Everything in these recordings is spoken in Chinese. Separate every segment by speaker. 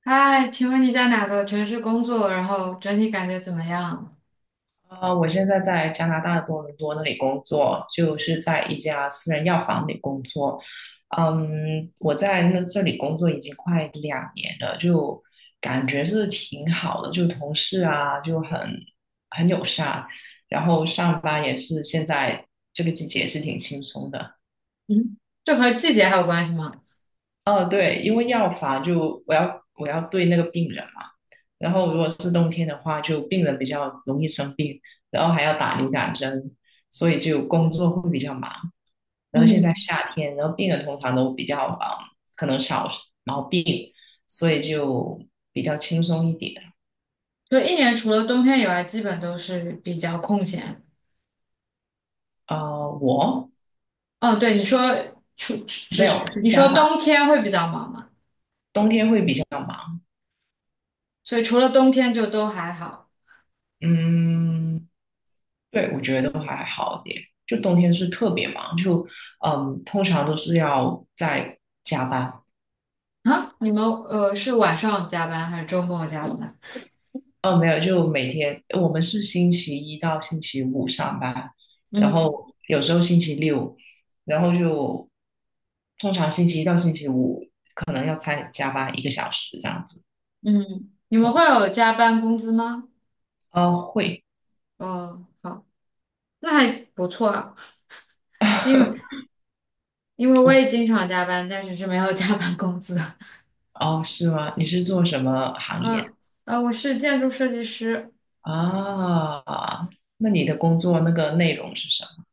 Speaker 1: 嗨，请问你在哪个城市工作？然后整体感觉怎么样？
Speaker 2: 啊，我现在在加拿大的多伦多那里工作，就是在一家私人药房里工作。嗯，我在那这里工作已经快2年了，就感觉是挺好的，就同事啊就很友善，然后上班也是现在这个季节也是挺轻松的。
Speaker 1: 嗯，这和季节还有关系吗？
Speaker 2: 哦，对，因为药房就我要对那个病人嘛，然后如果是冬天的话，就病人比较容易生病，然后还要打流感针，所以就工作会比较忙。然后现在
Speaker 1: 嗯，
Speaker 2: 夏天，然后病人通常都比较可能少毛病，所以就比较轻松一点。
Speaker 1: 就一年除了冬天以外，基本都是比较空闲。
Speaker 2: 我
Speaker 1: 哦，对，你说除只
Speaker 2: 没有
Speaker 1: 是
Speaker 2: 是
Speaker 1: 你
Speaker 2: 相
Speaker 1: 说
Speaker 2: 反，
Speaker 1: 冬天会比较忙嘛，
Speaker 2: 冬天会比较忙。
Speaker 1: 所以除了冬天就都还好。
Speaker 2: 嗯，对，我觉得都还好一点。就冬天是特别忙，就嗯，通常都是要在加班。
Speaker 1: 啊，你们是晚上加班还是周末加班？
Speaker 2: 哦，没有，就每天我们是星期一到星期五上班，然后
Speaker 1: 嗯
Speaker 2: 有时候星期六，然后就通常星期一到星期五可能要再加班1个小时这样子。
Speaker 1: 嗯，你们
Speaker 2: 嗯，
Speaker 1: 会有加班工资吗？
Speaker 2: 哦，会，
Speaker 1: 哦，好，那还不错啊，因为 因为我也经常加班，但是是没有加班工资。
Speaker 2: 哦，是吗？你是做什么行业的
Speaker 1: 嗯，我是建筑设计师，
Speaker 2: 啊？那你的工作那个内容是什么？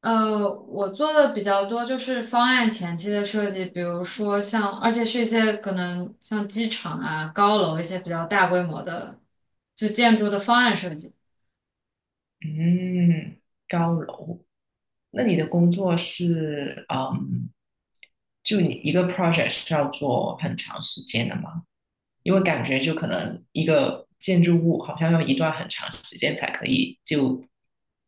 Speaker 1: 我做的比较多就是方案前期的设计，比如说像，而且是一些可能像机场啊、高楼一些比较大规模的，就建筑的方案设计。
Speaker 2: 嗯，高楼。那你的工作是就你一个 project 是要做很长时间的吗？因为感觉就可能一个建筑物好像要一段很长时间才可以就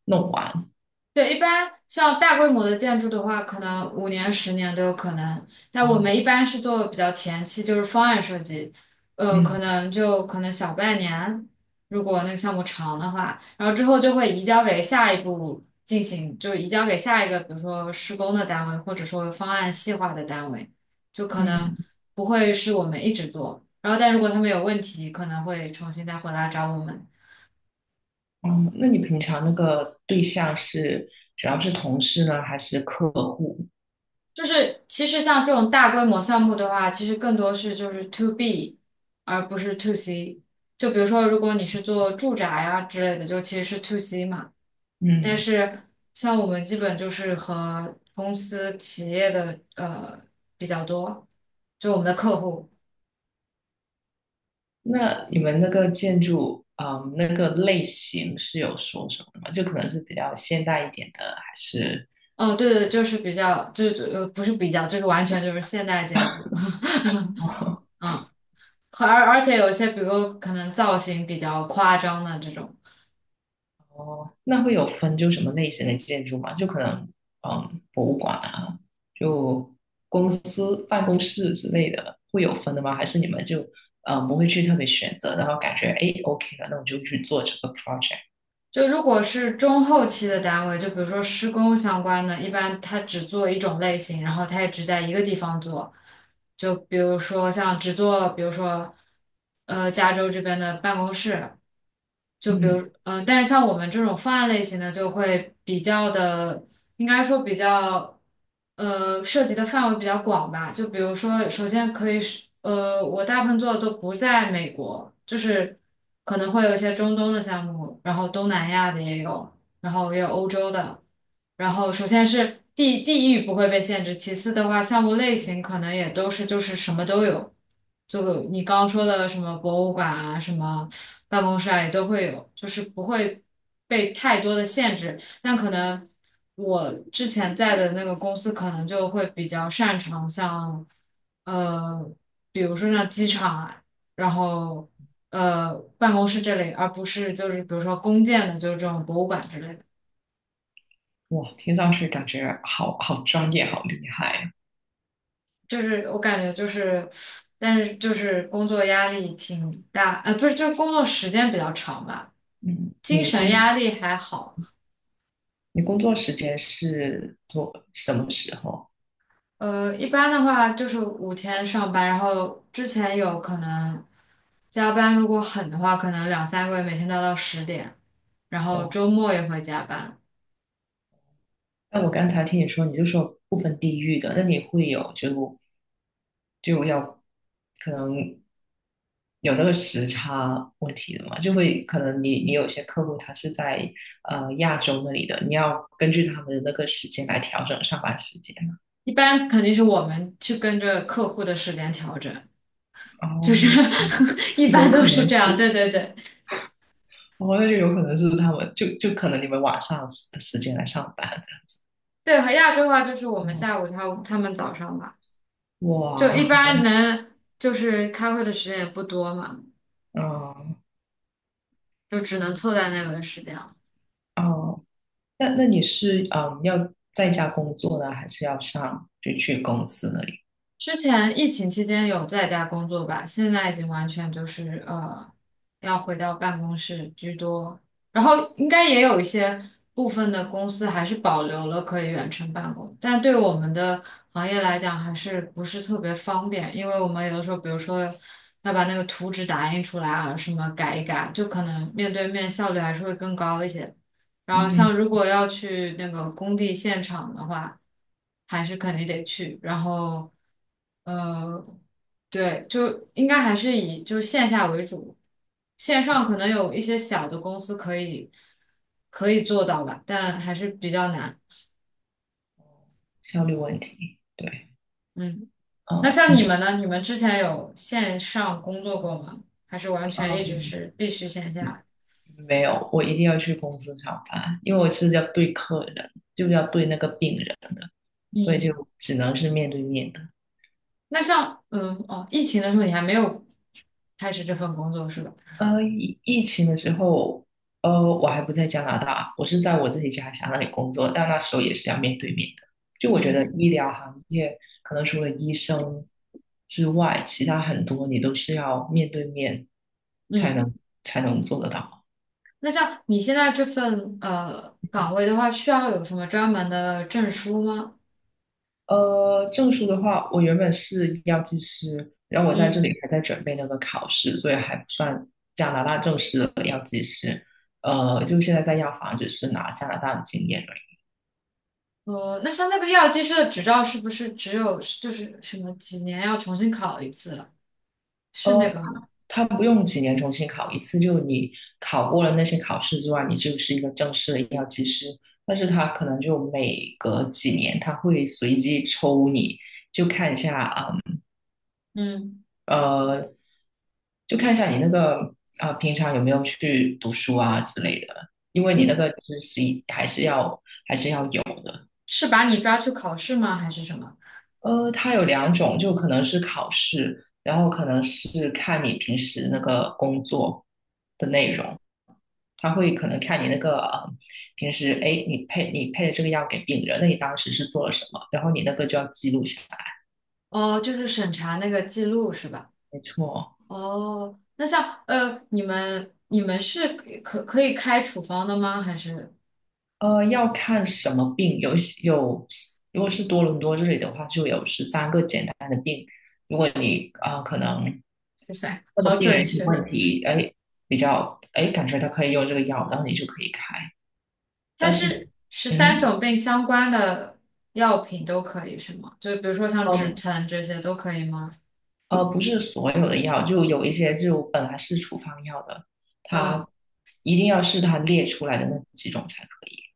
Speaker 2: 弄完
Speaker 1: 对，一般像大规模的建筑的话，可能5年、10年都有可能。但我
Speaker 2: 啊。
Speaker 1: 们一般是做比较前期，就是方案设计，可
Speaker 2: 嗯，
Speaker 1: 能就可能小半年，如果那个项目长的话，然后之后就会移交给下一步进行，就移交给下一个，比如说施工的单位，或者说方案细化的单位，就可能
Speaker 2: 嗯，
Speaker 1: 不会是我们一直做。然后，但如果他们有问题，可能会重新再回来找我们。
Speaker 2: 哦，那你平常那个对象是主要是同事呢，还是客户？
Speaker 1: 就是其实像这种大规模项目的话，其实更多是就是 to B，而不是 to C。就比如说，如果你是做住宅呀之类的，就其实是 to C 嘛。但
Speaker 2: 嗯，
Speaker 1: 是像我们基本就是和公司、企业的比较多，就我们的客户。
Speaker 2: 那你们那个建筑，那个类型是有说什么的吗？就可能是比较现代一点的，还是，
Speaker 1: 嗯，对对，就是比较，就是不是比较，就是完全就是现代建筑，
Speaker 2: 哦，
Speaker 1: 嗯，而且有一些，比如可能造型比较夸张的这种。
Speaker 2: 那会有分就什么类型的建筑吗？就可能，嗯，博物馆啊，就公司办公室之类的，会有分的吗？还是你们就，不会去特别选择，然后感觉，哎，OK 了，那我就去做这个 project。
Speaker 1: 就如果是中后期的单位，就比如说施工相关的，一般他只做一种类型，然后他也只在一个地方做。就比如说像只做，比如说加州这边的办公室，就比如，
Speaker 2: 嗯。
Speaker 1: 但是像我们这种方案类型的，就会比较的，应该说比较，涉及的范围比较广吧。就比如说，首先可以是，我大部分做的都不在美国，就是可能会有一些中东的项目，然后东南亚的也有，然后也有欧洲的。然后首先是地域不会被限制，其次的话，项目类型可能也都是就是什么都有，就你刚刚说的什么博物馆啊，什么。办公室啊，也都会有，就是不会被太多的限制。但可能我之前在的那个公司，可能就会比较擅长像，呃，比如说像机场啊，然后办公室这类，而不是就是比如说公建的，就是这种博物馆之类的。
Speaker 2: 哇，听上去感觉好好专业，好厉害啊。
Speaker 1: 就是我感觉就是，但是就是工作压力挺大，不是，就是工作时间比较长吧，
Speaker 2: 嗯，
Speaker 1: 精
Speaker 2: 你
Speaker 1: 神
Speaker 2: 工
Speaker 1: 压力还好。
Speaker 2: 你工作时间是多什么时候？
Speaker 1: 一般的话就是5天上班，然后之前有可能加班，如果狠的话，可能2、3个月每天都要到10点，然后
Speaker 2: 哇，
Speaker 1: 周末也会加班。
Speaker 2: 那我刚才听你说，你就说不分地域的，那你会有就就要可能有那个时差问题的嘛？就会可能你有些客户他是在亚洲那里的，你要根据他们的那个时间来调整上班时间。
Speaker 1: 一般肯定是我们去跟着客户的时间调整，就是
Speaker 2: 哦，
Speaker 1: 一
Speaker 2: 有
Speaker 1: 般都
Speaker 2: 可
Speaker 1: 是
Speaker 2: 能
Speaker 1: 这样。对
Speaker 2: 是。
Speaker 1: 对对
Speaker 2: 哦，那就有可能是他们，就就可能你们晚上的时间来上班。
Speaker 1: 对，和亚洲的话就是我们下
Speaker 2: 哦，
Speaker 1: 午，他们早上吧，就一
Speaker 2: 哇，
Speaker 1: 般能就是开会的时间也不多嘛，
Speaker 2: 哦，
Speaker 1: 就只能凑在那个时间了。
Speaker 2: 哦，那那你是要在家工作呢，还是要上就去公司那里？
Speaker 1: 之前疫情期间有在家工作吧，现在已经完全就是要回到办公室居多。然后应该也有一些部分的公司还是保留了可以远程办公，但对我们的行业来讲还是不是特别方便，因为我们有的时候，比如说要把那个图纸打印出来啊，什么改一改，就可能面对面效率还是会更高一些。然后像
Speaker 2: 嗯，
Speaker 1: 如果要去那个工地现场的话，还是肯定得去。然后，呃，对，就应该还是以就是线下为主，线上可能有一些小的公司可以做到吧，但还是比较难。
Speaker 2: 效率问题，对，
Speaker 1: 嗯，那像你
Speaker 2: 嗯，
Speaker 1: 们呢？你们之前有线上工作过吗？还是完全一直
Speaker 2: 嗯，
Speaker 1: 是必须线下？
Speaker 2: 没有，我一定要去公司上班，因为我是要对客人，就是要对那个病人的，所以
Speaker 1: 嗯，
Speaker 2: 就只能是面对面的。
Speaker 1: 那像疫情的时候你还没有开始这份工作是吧？
Speaker 2: 疫情的时候,我还不在加拿大，我是在我自己家乡那里工作，但那时候也是要面对面的。就我觉得
Speaker 1: 嗯。
Speaker 2: 医疗行业，可能除了医生之外，其他很多你都是要面对面才
Speaker 1: 嗯，
Speaker 2: 能才能做得到。
Speaker 1: 那像你现在这份岗位的话，需要有什么专门的证书吗？
Speaker 2: 呃，证书的话，我原本是药剂师，然后我在这
Speaker 1: 嗯，
Speaker 2: 里还在准备那个考试，所以还不算加拿大正式的药剂师。呃，就现在在药房只是拿加拿大的经验。
Speaker 1: 哦，那像那个药剂师的执照是不是只有就是什么几年要重新考一次了？是那
Speaker 2: 呃，
Speaker 1: 个吗？
Speaker 2: 他不用几年重新考一次，就你考过了那些考试之外，你就是一个正式的医药技师。但是他可能就每隔几年，他会随机抽你，就看一下
Speaker 1: 嗯
Speaker 2: 呃，就看一下你那个平常有没有去读书啊之类的，因为你那
Speaker 1: 嗯，
Speaker 2: 个知识还是要还是要有的。
Speaker 1: 是把你抓去考试吗？还是什么？
Speaker 2: 呃，它有两种，就可能是考试，然后可能是看你平时那个工作的内容。他会可能看你那个平时，哎，你配的这个药给病人，那你当时是做了什么？然后你那个就要记录下来。
Speaker 1: 哦，就是审查那个记录是吧？
Speaker 2: 没错，
Speaker 1: 哦，那像你们是可以开处方的吗？还是
Speaker 2: 呃，要看什么病，有，如果是多伦多这里的话，就有13个简单的病。如果你可能
Speaker 1: 哇塞
Speaker 2: 问的
Speaker 1: 好
Speaker 2: 病
Speaker 1: 准
Speaker 2: 人一些
Speaker 1: 确。
Speaker 2: 问题，哎，比较哎感觉他可以用这个药，然后你就可以开。
Speaker 1: 它
Speaker 2: 但是，
Speaker 1: 是十
Speaker 2: 嗯
Speaker 1: 三
Speaker 2: 哼，
Speaker 1: 种病相关的药品都可以是吗？就比如说像止
Speaker 2: 呃，
Speaker 1: 疼这些都可以吗？
Speaker 2: 呃,不是所有的药，就有一些就本来是处方药的，
Speaker 1: 嗯，
Speaker 2: 它一定要是它列出来的那几种才可以。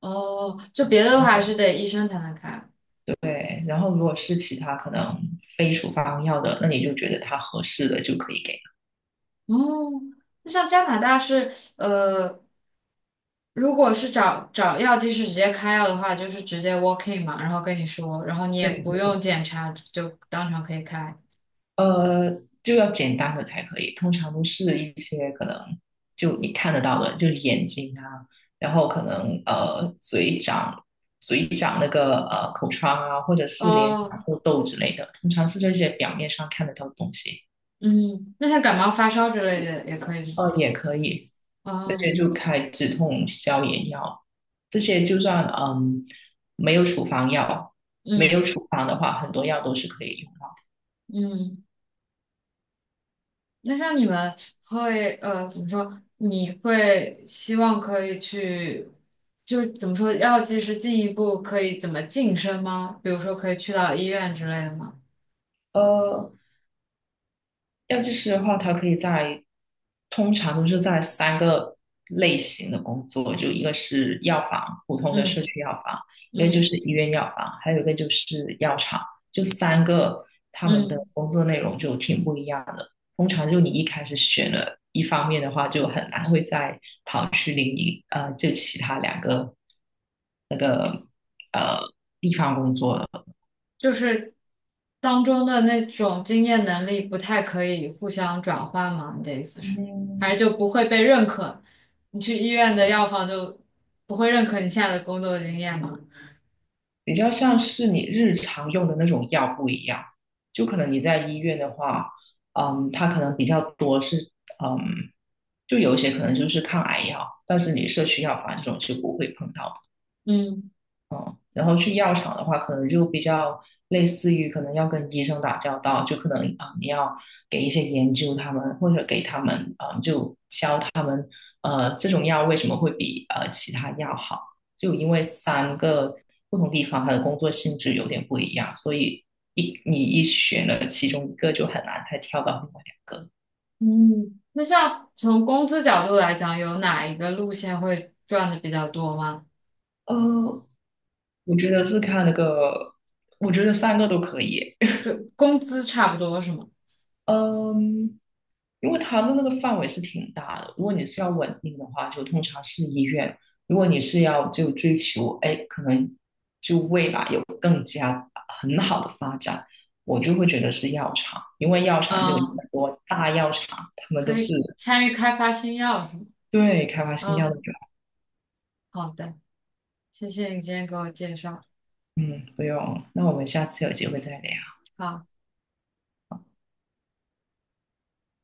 Speaker 1: 哦，就别的的
Speaker 2: 然
Speaker 1: 话还
Speaker 2: 后
Speaker 1: 是得医生才能开。
Speaker 2: 对，然后如果是其他可能非处方药的，那你就觉得它合适的就可以给。
Speaker 1: 哦，那像加拿大是呃，如果是找找药剂师直接开药的话，就是直接 walk in 嘛，然后跟你说，然后你也不
Speaker 2: 对，
Speaker 1: 用检查，就当场可以开。
Speaker 2: 呃，就要简单的才可以，通常都是一些可能就你看得到的，就是眼睛啊，然后可能嘴长那个口疮啊，或者是脸长
Speaker 1: 哦，
Speaker 2: 痘痘之类的，通常是这些表面上看得到的东西。
Speaker 1: 嗯，那像感冒发烧之类的也可以
Speaker 2: 呃，也可以，
Speaker 1: 吗？
Speaker 2: 那
Speaker 1: 哦，
Speaker 2: 些就开止痛消炎药，这些就算嗯没有处方药，没有
Speaker 1: 嗯
Speaker 2: 处方的话，很多药都是可以用的。
Speaker 1: 嗯。那像你们会怎么说？你会希望可以去，就是怎么说，药剂师进一步可以怎么晋升吗？比如说可以去到医院之类的吗？
Speaker 2: 呃，药剂师的话，他可以在通常都是在三个类型的工作，就一个是药房，普通的
Speaker 1: 嗯
Speaker 2: 社区药房，一个就
Speaker 1: 嗯
Speaker 2: 是医院药房，还有一个就是药厂，就三个他们的
Speaker 1: 嗯，
Speaker 2: 工作内容就挺不一样的。通常就你一开始选了一方面的话，就很难会在跑去就其他两个那个呃。
Speaker 1: 就是当中的那种经验能力不太可以互相转换吗？你的意思是，还
Speaker 2: 嗯，
Speaker 1: 是就不会被认可？你去医院的药房就不会认可你现在的工作经验吗？
Speaker 2: 比较像是你日常用的那种药不一样，就可能你在医院的话，嗯，它可能比较多是，嗯，就有一些可能就是抗癌药，但是你社区药房这种是不会碰到的。
Speaker 1: 嗯。
Speaker 2: 然后去药厂的话，可能就比较类似于可能要跟医生打交道，就可能你要给一些研究他们，或者给他们就教他们这种药为什么会比其他药好，就因为三个不同地方它的工作性质有点不一样，所以你一选了其中一个就很难再跳到另外两个。
Speaker 1: 嗯，那像从工资角度来讲，有哪一个路线会赚的比较多吗？
Speaker 2: 呃，我觉得是看那个，我觉得三个都可以。
Speaker 1: 就工资差不多是吗？
Speaker 2: 嗯，因为它的那个范围是挺大的。如果你是要稳定的话，就通常是医院；如果你是要就追求，哎，可能就未来有更加很好的发展，我就会觉得是药厂，因为药厂就有很
Speaker 1: 嗯，
Speaker 2: 多大药厂，他们都
Speaker 1: 可
Speaker 2: 是
Speaker 1: 以参与开发新药是吗？
Speaker 2: 对开发新药的
Speaker 1: 嗯，
Speaker 2: 人。
Speaker 1: 好的，谢谢你今天给我介绍。
Speaker 2: 嗯，不用，那我们下次有机会再聊。
Speaker 1: 好。